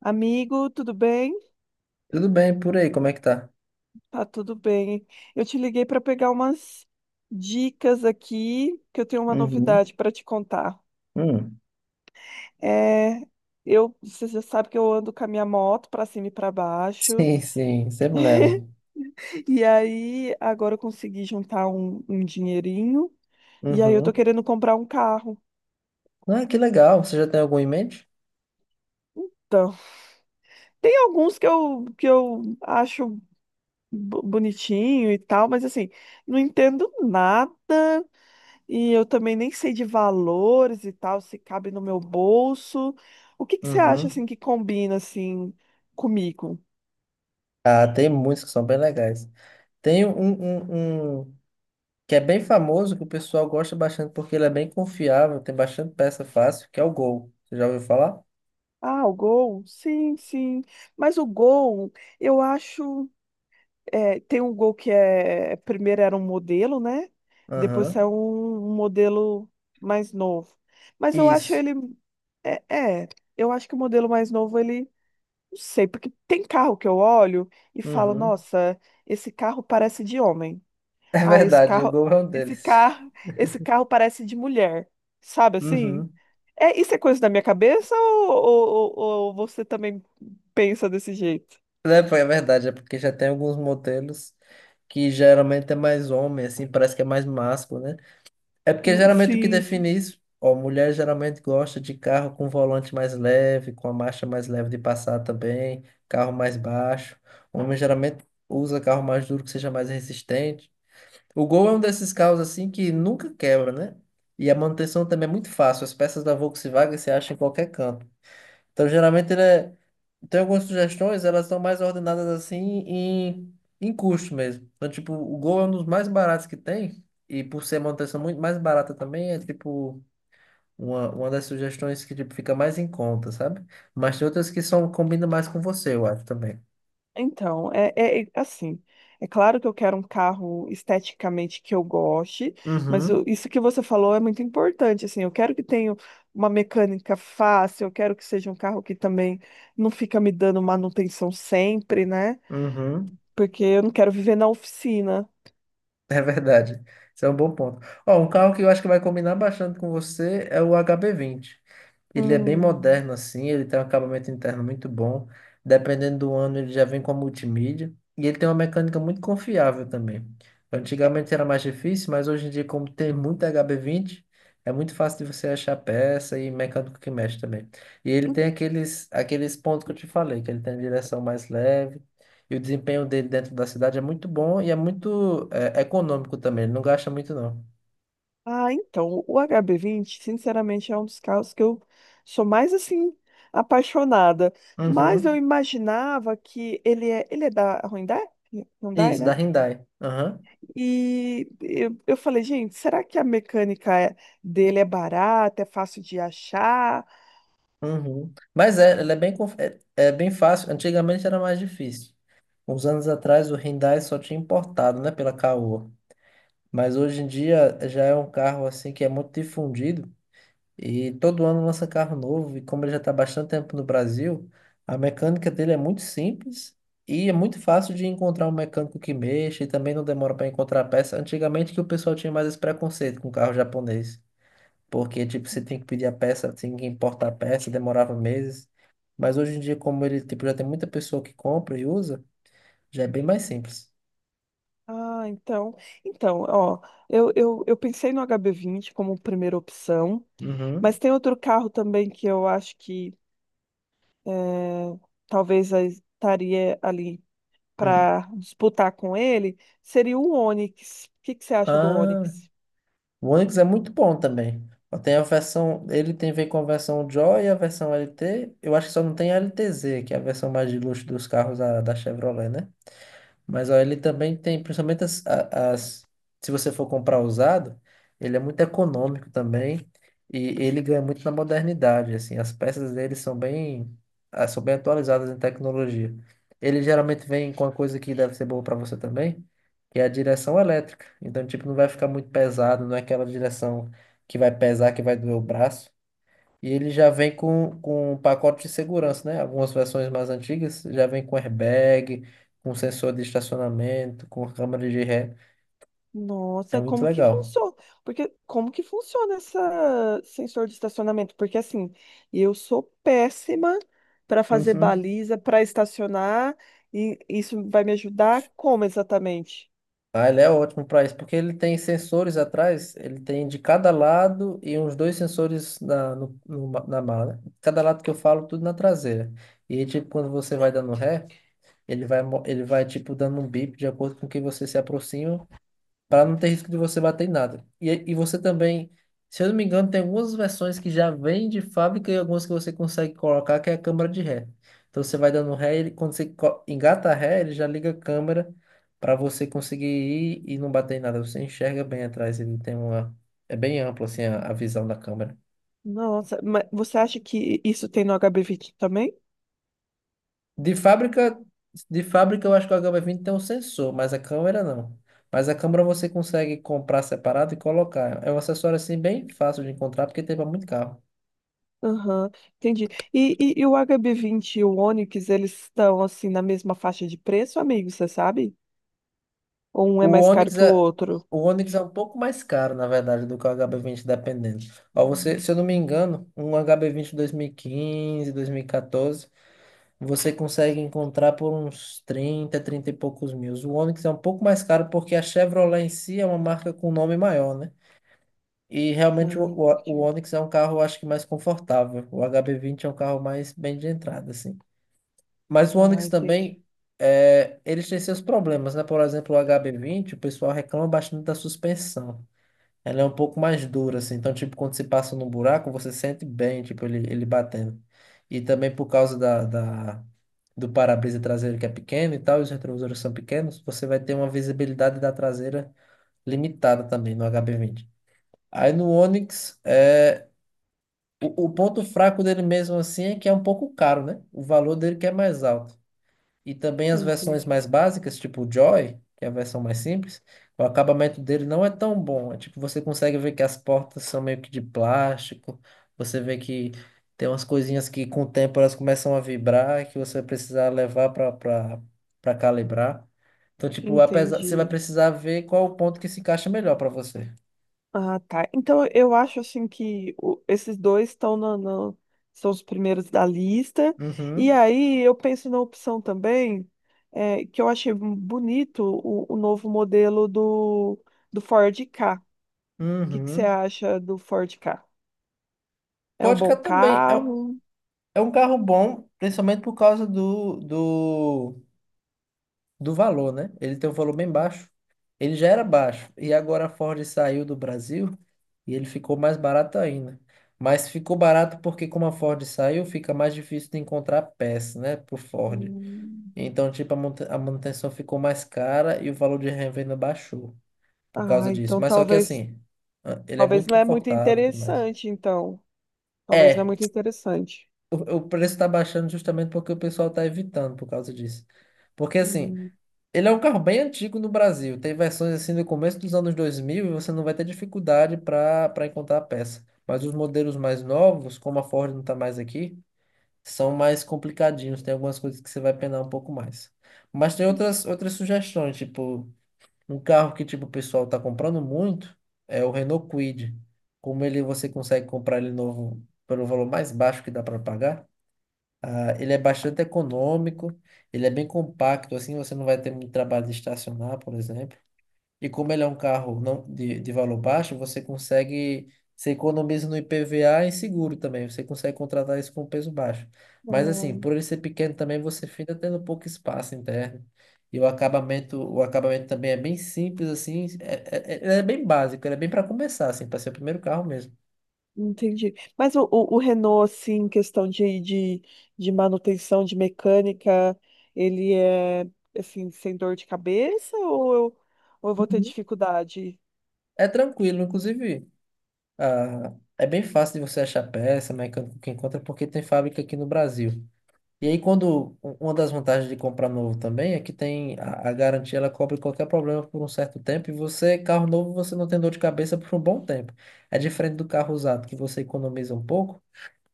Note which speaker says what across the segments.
Speaker 1: Amigo, tudo bem?
Speaker 2: Tudo bem por aí, como é que tá?
Speaker 1: Tá tudo bem. Eu te liguei para pegar umas dicas aqui, que eu tenho uma
Speaker 2: Uhum.
Speaker 1: novidade para te contar.
Speaker 2: Hum.
Speaker 1: É, você já sabe que eu ando com a minha moto para cima e para baixo,
Speaker 2: Sim, sim, sempre nela.
Speaker 1: e aí agora eu consegui juntar um dinheirinho, e aí eu tô
Speaker 2: Uhum.
Speaker 1: querendo comprar um carro.
Speaker 2: Ah, que legal. Você já tem algum em mente?
Speaker 1: Então, tem alguns que eu acho bonitinho e tal, mas assim, não entendo nada. E eu também nem sei de valores e tal, se cabe no meu bolso. O que que você acha
Speaker 2: Uhum.
Speaker 1: assim que combina assim comigo?
Speaker 2: Ah, tem muitos que são bem legais. Tem um que é bem famoso, que o pessoal gosta bastante porque ele é bem confiável, tem bastante peça fácil, que é o Gol. Você já ouviu falar?
Speaker 1: Ah, o Gol? Sim, sim. Mas o Gol, eu acho, é, tem um Gol que é primeiro era um modelo, né? Depois saiu
Speaker 2: Aham.
Speaker 1: um modelo mais novo. Mas eu acho
Speaker 2: Isso.
Speaker 1: ele é, é, eu acho que o modelo mais novo ele não sei, porque tem carro que eu olho e falo,
Speaker 2: Uhum.
Speaker 1: nossa, esse carro parece de homem.
Speaker 2: É
Speaker 1: Ah,
Speaker 2: verdade, o Gol é um deles.
Speaker 1: esse carro parece de mulher, sabe assim?
Speaker 2: Uhum.
Speaker 1: É, isso é coisa da minha cabeça ou, ou você também pensa desse jeito?
Speaker 2: É, pô, é verdade, é porque já tem alguns modelos que geralmente é mais homem, assim, parece que é mais másculo, né? É porque
Speaker 1: Hum.
Speaker 2: geralmente o que
Speaker 1: Sim,
Speaker 2: define
Speaker 1: sim.
Speaker 2: isso, ó, mulher geralmente gosta de carro com volante mais leve, com a marcha mais leve de passar também, carro mais baixo. Homem geralmente usa carro mais duro que seja mais resistente. O Gol é um desses carros assim que nunca quebra, né? E a manutenção também é muito fácil. As peças da Volkswagen você acha em qualquer canto. Então, geralmente, ele é... tem algumas sugestões, elas são mais ordenadas assim em custo mesmo. Então, tipo, o Gol é um dos mais baratos que tem, e por ser manutenção muito mais barata também, é tipo uma das sugestões que tipo, fica mais em conta, sabe? Mas tem outras que são, combinam mais com você, eu acho também.
Speaker 1: Então, é assim. É claro que eu quero um carro esteticamente que eu goste, mas
Speaker 2: Uhum,
Speaker 1: isso que você falou é muito importante, assim. Eu quero que tenha uma mecânica fácil, eu quero que seja um carro que também não fica me dando manutenção sempre, né?
Speaker 2: uhum.
Speaker 1: Porque eu não quero viver na oficina.
Speaker 2: É verdade. Isso é um bom ponto. Ó, um carro que eu acho que vai combinar bastante com você é o HB20. Ele é bem
Speaker 1: Hum.
Speaker 2: moderno, assim, ele tem um acabamento interno muito bom. Dependendo do ano, ele já vem com a multimídia. E ele tem uma mecânica muito confiável também. Antigamente era mais difícil, mas hoje em dia, como tem muito HB20 é muito fácil de você achar peça e mecânico que mexe também. E ele
Speaker 1: En-
Speaker 2: tem aqueles pontos que eu te falei, que ele tem a direção mais leve. E o desempenho dele dentro da cidade é muito bom e é muito é, econômico também. Ele não gasta muito, não.
Speaker 1: Ah, então, o HB20, sinceramente, é um dos carros que eu sou mais, assim, apaixonada. Mas eu
Speaker 2: Uhum.
Speaker 1: imaginava que ele é da Hyundai, Hyundai,
Speaker 2: Isso, da
Speaker 1: né?
Speaker 2: Hyundai. Aham.
Speaker 1: E eu falei, gente, será que a dele é barata, é fácil de achar?
Speaker 2: Uhum. Mas é, ela é bem, é bem fácil. Antigamente era mais difícil. Uns anos atrás o Hyundai só tinha importado, né, pela Caoa. Mas hoje em dia já é um carro assim que é muito difundido e todo ano lança carro novo. E como ele já está bastante tempo no Brasil, a mecânica dele é muito simples e é muito fácil de encontrar um mecânico que mexa e também não demora para encontrar a peça. Antigamente que o pessoal tinha mais esse preconceito com carro japonês. Porque, tipo, você tem que pedir a peça, tem que importar a peça, demorava meses. Mas hoje em dia, como ele, tipo, já tem muita pessoa que compra e usa, já é bem mais simples.
Speaker 1: Ah, então, então, ó, eu pensei no HB20 como primeira opção,
Speaker 2: Uhum.
Speaker 1: mas tem outro carro também que eu acho que eh, talvez estaria ali
Speaker 2: Hum.
Speaker 1: para disputar com ele seria o Onix. O que que você acha do
Speaker 2: Ah,
Speaker 1: Onix?
Speaker 2: o Onix é muito bom também. Ó, tem a versão, ele tem vem com a versão Joy e a versão LT. Eu acho que só não tem a LTZ, que é a versão mais de luxo dos carros da Chevrolet, né? Mas ó, ele também tem, principalmente as, se você for comprar usado, ele é muito econômico também e ele ganha muito na modernidade, assim, as peças dele são bem, ah, são bem atualizadas em tecnologia. Ele geralmente vem com uma coisa que deve ser boa para você também, que é a direção elétrica. Então, tipo, não vai ficar muito pesado, não é aquela direção que vai pesar, que vai doer o braço. E ele já vem com um pacote de segurança, né? Algumas versões mais antigas já vem com airbag, com sensor de estacionamento, com câmera de ré. É
Speaker 1: Nossa,
Speaker 2: muito
Speaker 1: como que
Speaker 2: legal.
Speaker 1: funciona? Porque como que funciona esse sensor de estacionamento? Porque assim, eu sou péssima para fazer
Speaker 2: Uhum.
Speaker 1: baliza, para estacionar, e isso vai me ajudar como exatamente?
Speaker 2: Ah, ele é ótimo para isso, porque ele tem sensores atrás, ele tem de cada lado e uns dois sensores na, no, no ma- na mala. Cada lado que eu falo, tudo na traseira. E tipo, quando você vai dando ré, ele vai, ele vai tipo dando um bip de acordo com que você se aproxima para não ter risco de você bater em nada. E você também, se eu não me engano, tem algumas versões que já vêm de fábrica e algumas que você consegue colocar, que é a câmera de ré. Então você vai dando ré, ele, quando você engata a ré, ele já liga a câmera para você conseguir ir e não bater em nada. Você enxerga bem atrás, ele tem uma. É bem amplo assim a visão da câmera.
Speaker 1: Nossa, mas você acha que isso tem no HB20 também?
Speaker 2: De fábrica, de fábrica eu acho que o HB20 tem um sensor, mas a câmera não. Mas a câmera você consegue comprar separado e colocar. É um acessório assim bem fácil de encontrar porque tem para muito carro.
Speaker 1: Aham, entendi. E, e o HB20, e o Onix, eles estão assim na mesma faixa de preço, amigo, você sabe? Ou um é
Speaker 2: O
Speaker 1: mais caro
Speaker 2: Onix
Speaker 1: que o
Speaker 2: é,
Speaker 1: outro?
Speaker 2: o Onix é um pouco mais caro, na verdade, do que o HB20 dependendo. Ó, você, se eu não me
Speaker 1: Entendi.
Speaker 2: engano, um HB20 2015, 2014, você consegue encontrar por uns trinta e poucos mil. O Onix é um pouco mais caro porque a Chevrolet em si é uma marca com nome maior, né? E realmente o,
Speaker 1: Ah,
Speaker 2: o, o
Speaker 1: entendi.
Speaker 2: Onix é um carro, eu acho que mais confortável. O HB20 é um carro mais bem de entrada, assim. Mas o
Speaker 1: Ah,
Speaker 2: Onix
Speaker 1: entendi.
Speaker 2: também, é, eles têm seus problemas, né? Por exemplo, o HB20, o pessoal reclama bastante da suspensão. Ela é um pouco mais dura, assim. Então, tipo, quando você passa num buraco, você sente bem, tipo, ele batendo. E também por causa da do para-brisa traseiro que é pequeno e tal, e os retrovisores são pequenos, você vai ter uma visibilidade da traseira limitada também no HB20. Aí no Onix, é, o ponto fraco dele mesmo assim é que é um pouco caro, né? O valor dele que é mais alto. E também as versões
Speaker 1: Entendi.
Speaker 2: mais básicas, tipo o Joy, que é a versão mais simples, o acabamento dele não é tão bom. É tipo, você consegue ver que as portas são meio que de plástico, você vê que tem umas coisinhas que com o tempo elas começam a vibrar, que você vai precisar levar para calibrar. Então, tipo, apesar, você vai
Speaker 1: Entendi.
Speaker 2: precisar ver qual o ponto que se encaixa melhor para você.
Speaker 1: Ah, tá. Então eu acho assim que esses dois estão na, são os primeiros da lista. E
Speaker 2: Uhum,
Speaker 1: aí eu penso na opção também, eh, que eu achei um bonito o novo modelo do Ford Ka. O que que você
Speaker 2: uhum.
Speaker 1: acha do Ford Ka? É um
Speaker 2: Vodka
Speaker 1: bom
Speaker 2: também.
Speaker 1: carro?
Speaker 2: É um carro bom, principalmente por causa do valor, né? Ele tem um valor bem baixo. Ele já era baixo. E agora a Ford saiu do Brasil e ele ficou mais barato ainda. Mas ficou barato porque, como a Ford saiu, fica mais difícil de encontrar peça, né? Pro Ford.
Speaker 1: Hum.
Speaker 2: Então, tipo, a a manutenção ficou mais cara e o valor de revenda baixou por causa
Speaker 1: Ah,
Speaker 2: disso.
Speaker 1: então
Speaker 2: Mas só que
Speaker 1: talvez,
Speaker 2: assim, ah, ele é
Speaker 1: talvez
Speaker 2: muito
Speaker 1: não é muito
Speaker 2: confortável e tudo mais.
Speaker 1: interessante, então. Talvez não é
Speaker 2: É,
Speaker 1: muito interessante.
Speaker 2: o preço está baixando justamente porque o pessoal está evitando por causa disso. Porque assim,
Speaker 1: Hum,
Speaker 2: ele é um carro bem antigo no Brasil. Tem versões assim do começo dos anos 2000 e você não vai ter dificuldade para encontrar a peça. Mas os modelos mais novos, como a Ford não está mais aqui, são mais complicadinhos. Tem algumas coisas que você vai penar um pouco mais. Mas tem outras, outras sugestões, tipo, um carro que tipo, o pessoal está comprando muito é o Renault Kwid. Como ele você consegue comprar ele novo pelo valor mais baixo que dá para pagar. Ah, ele é bastante econômico, ele é bem compacto, assim você não vai ter muito trabalho de estacionar, por exemplo. E como ele é um carro não de valor baixo, você consegue, você economiza no IPVA e seguro também, você consegue contratar isso com peso baixo. Mas assim,
Speaker 1: ah.
Speaker 2: por ele ser pequeno também, você fica tendo pouco espaço interno. E o acabamento também é bem simples, assim, ele é bem básico, ele é bem para começar, assim, para ser o primeiro carro mesmo.
Speaker 1: Entendi. Mas o Renault, assim, em questão de manutenção, de mecânica, ele é, assim, sem dor de cabeça ou ou eu vou ter
Speaker 2: Uhum.
Speaker 1: dificuldade?
Speaker 2: É tranquilo, inclusive. Ah, é bem fácil de você achar peça, mecânico que encontra, porque tem fábrica aqui no Brasil. E aí, quando uma das vantagens de comprar novo também é que tem a garantia, ela cobre qualquer problema por um certo tempo. E você, carro novo, você não tem dor de cabeça por um bom tempo. É diferente do carro usado, que você economiza um pouco,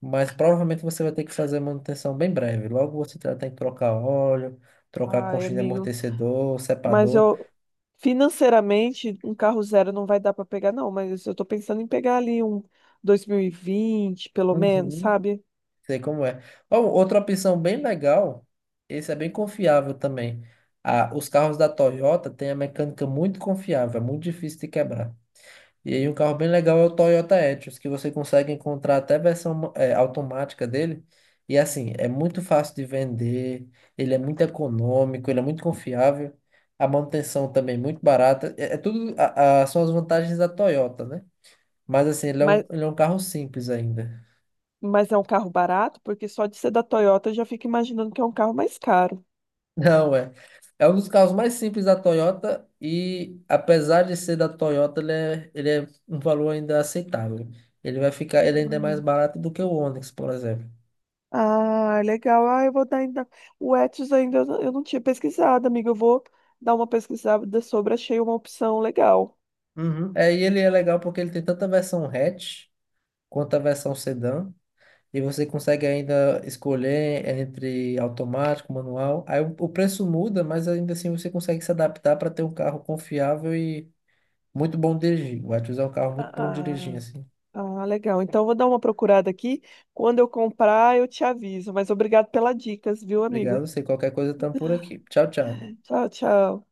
Speaker 2: mas provavelmente você vai ter que fazer manutenção bem breve. Logo você vai ter que trocar óleo, trocar
Speaker 1: Ai,
Speaker 2: conchinha de
Speaker 1: amigo.
Speaker 2: amortecedor,
Speaker 1: Mas
Speaker 2: separador.
Speaker 1: eu, financeiramente, um carro zero não vai dar para pegar, não. Mas eu tô pensando em pegar ali um 2020, pelo menos, sabe?
Speaker 2: Sei como é. Ó, outra opção bem legal, esse é bem confiável também. Ah, os carros da Toyota têm a mecânica muito confiável, é muito difícil de quebrar. E aí um carro bem legal é o Toyota Etios, que você consegue encontrar até versão automática dele. E assim, é muito fácil de vender, ele é muito econômico, ele é muito confiável, a manutenção também é muito barata. É, é tudo, são as vantagens da Toyota, né? Mas assim,
Speaker 1: Mas,
Speaker 2: ele é um carro simples ainda.
Speaker 1: mas é um carro barato, porque só de ser da Toyota eu já fico imaginando que é um carro mais caro.
Speaker 2: Não, é. É um dos carros mais simples da Toyota e, apesar de ser da Toyota, ele é um valor ainda aceitável. Ele vai ficar, ele ainda é mais barato do que o Onix, por exemplo.
Speaker 1: Ah, legal. Ah, eu vou dar ainda. O Etsy ainda eu não tinha pesquisado, amiga. Eu vou dar uma pesquisada sobre, achei uma opção legal.
Speaker 2: Uhum. É, e ele é legal porque ele tem tanto a versão hatch quanto a versão sedã. E você consegue ainda escolher entre automático, manual. Aí o preço muda, mas ainda assim você consegue se adaptar para ter um carro confiável e muito bom de dirigir. O Etios é um carro muito bom de dirigir,
Speaker 1: Ah,
Speaker 2: assim.
Speaker 1: ah, legal. Então eu vou dar uma procurada aqui. Quando eu comprar, eu te aviso. Mas obrigado pelas dicas, viu,
Speaker 2: Obrigado a
Speaker 1: amigo?
Speaker 2: você. Qualquer coisa, estamos por aqui. Tchau, tchau.
Speaker 1: Tchau, tchau.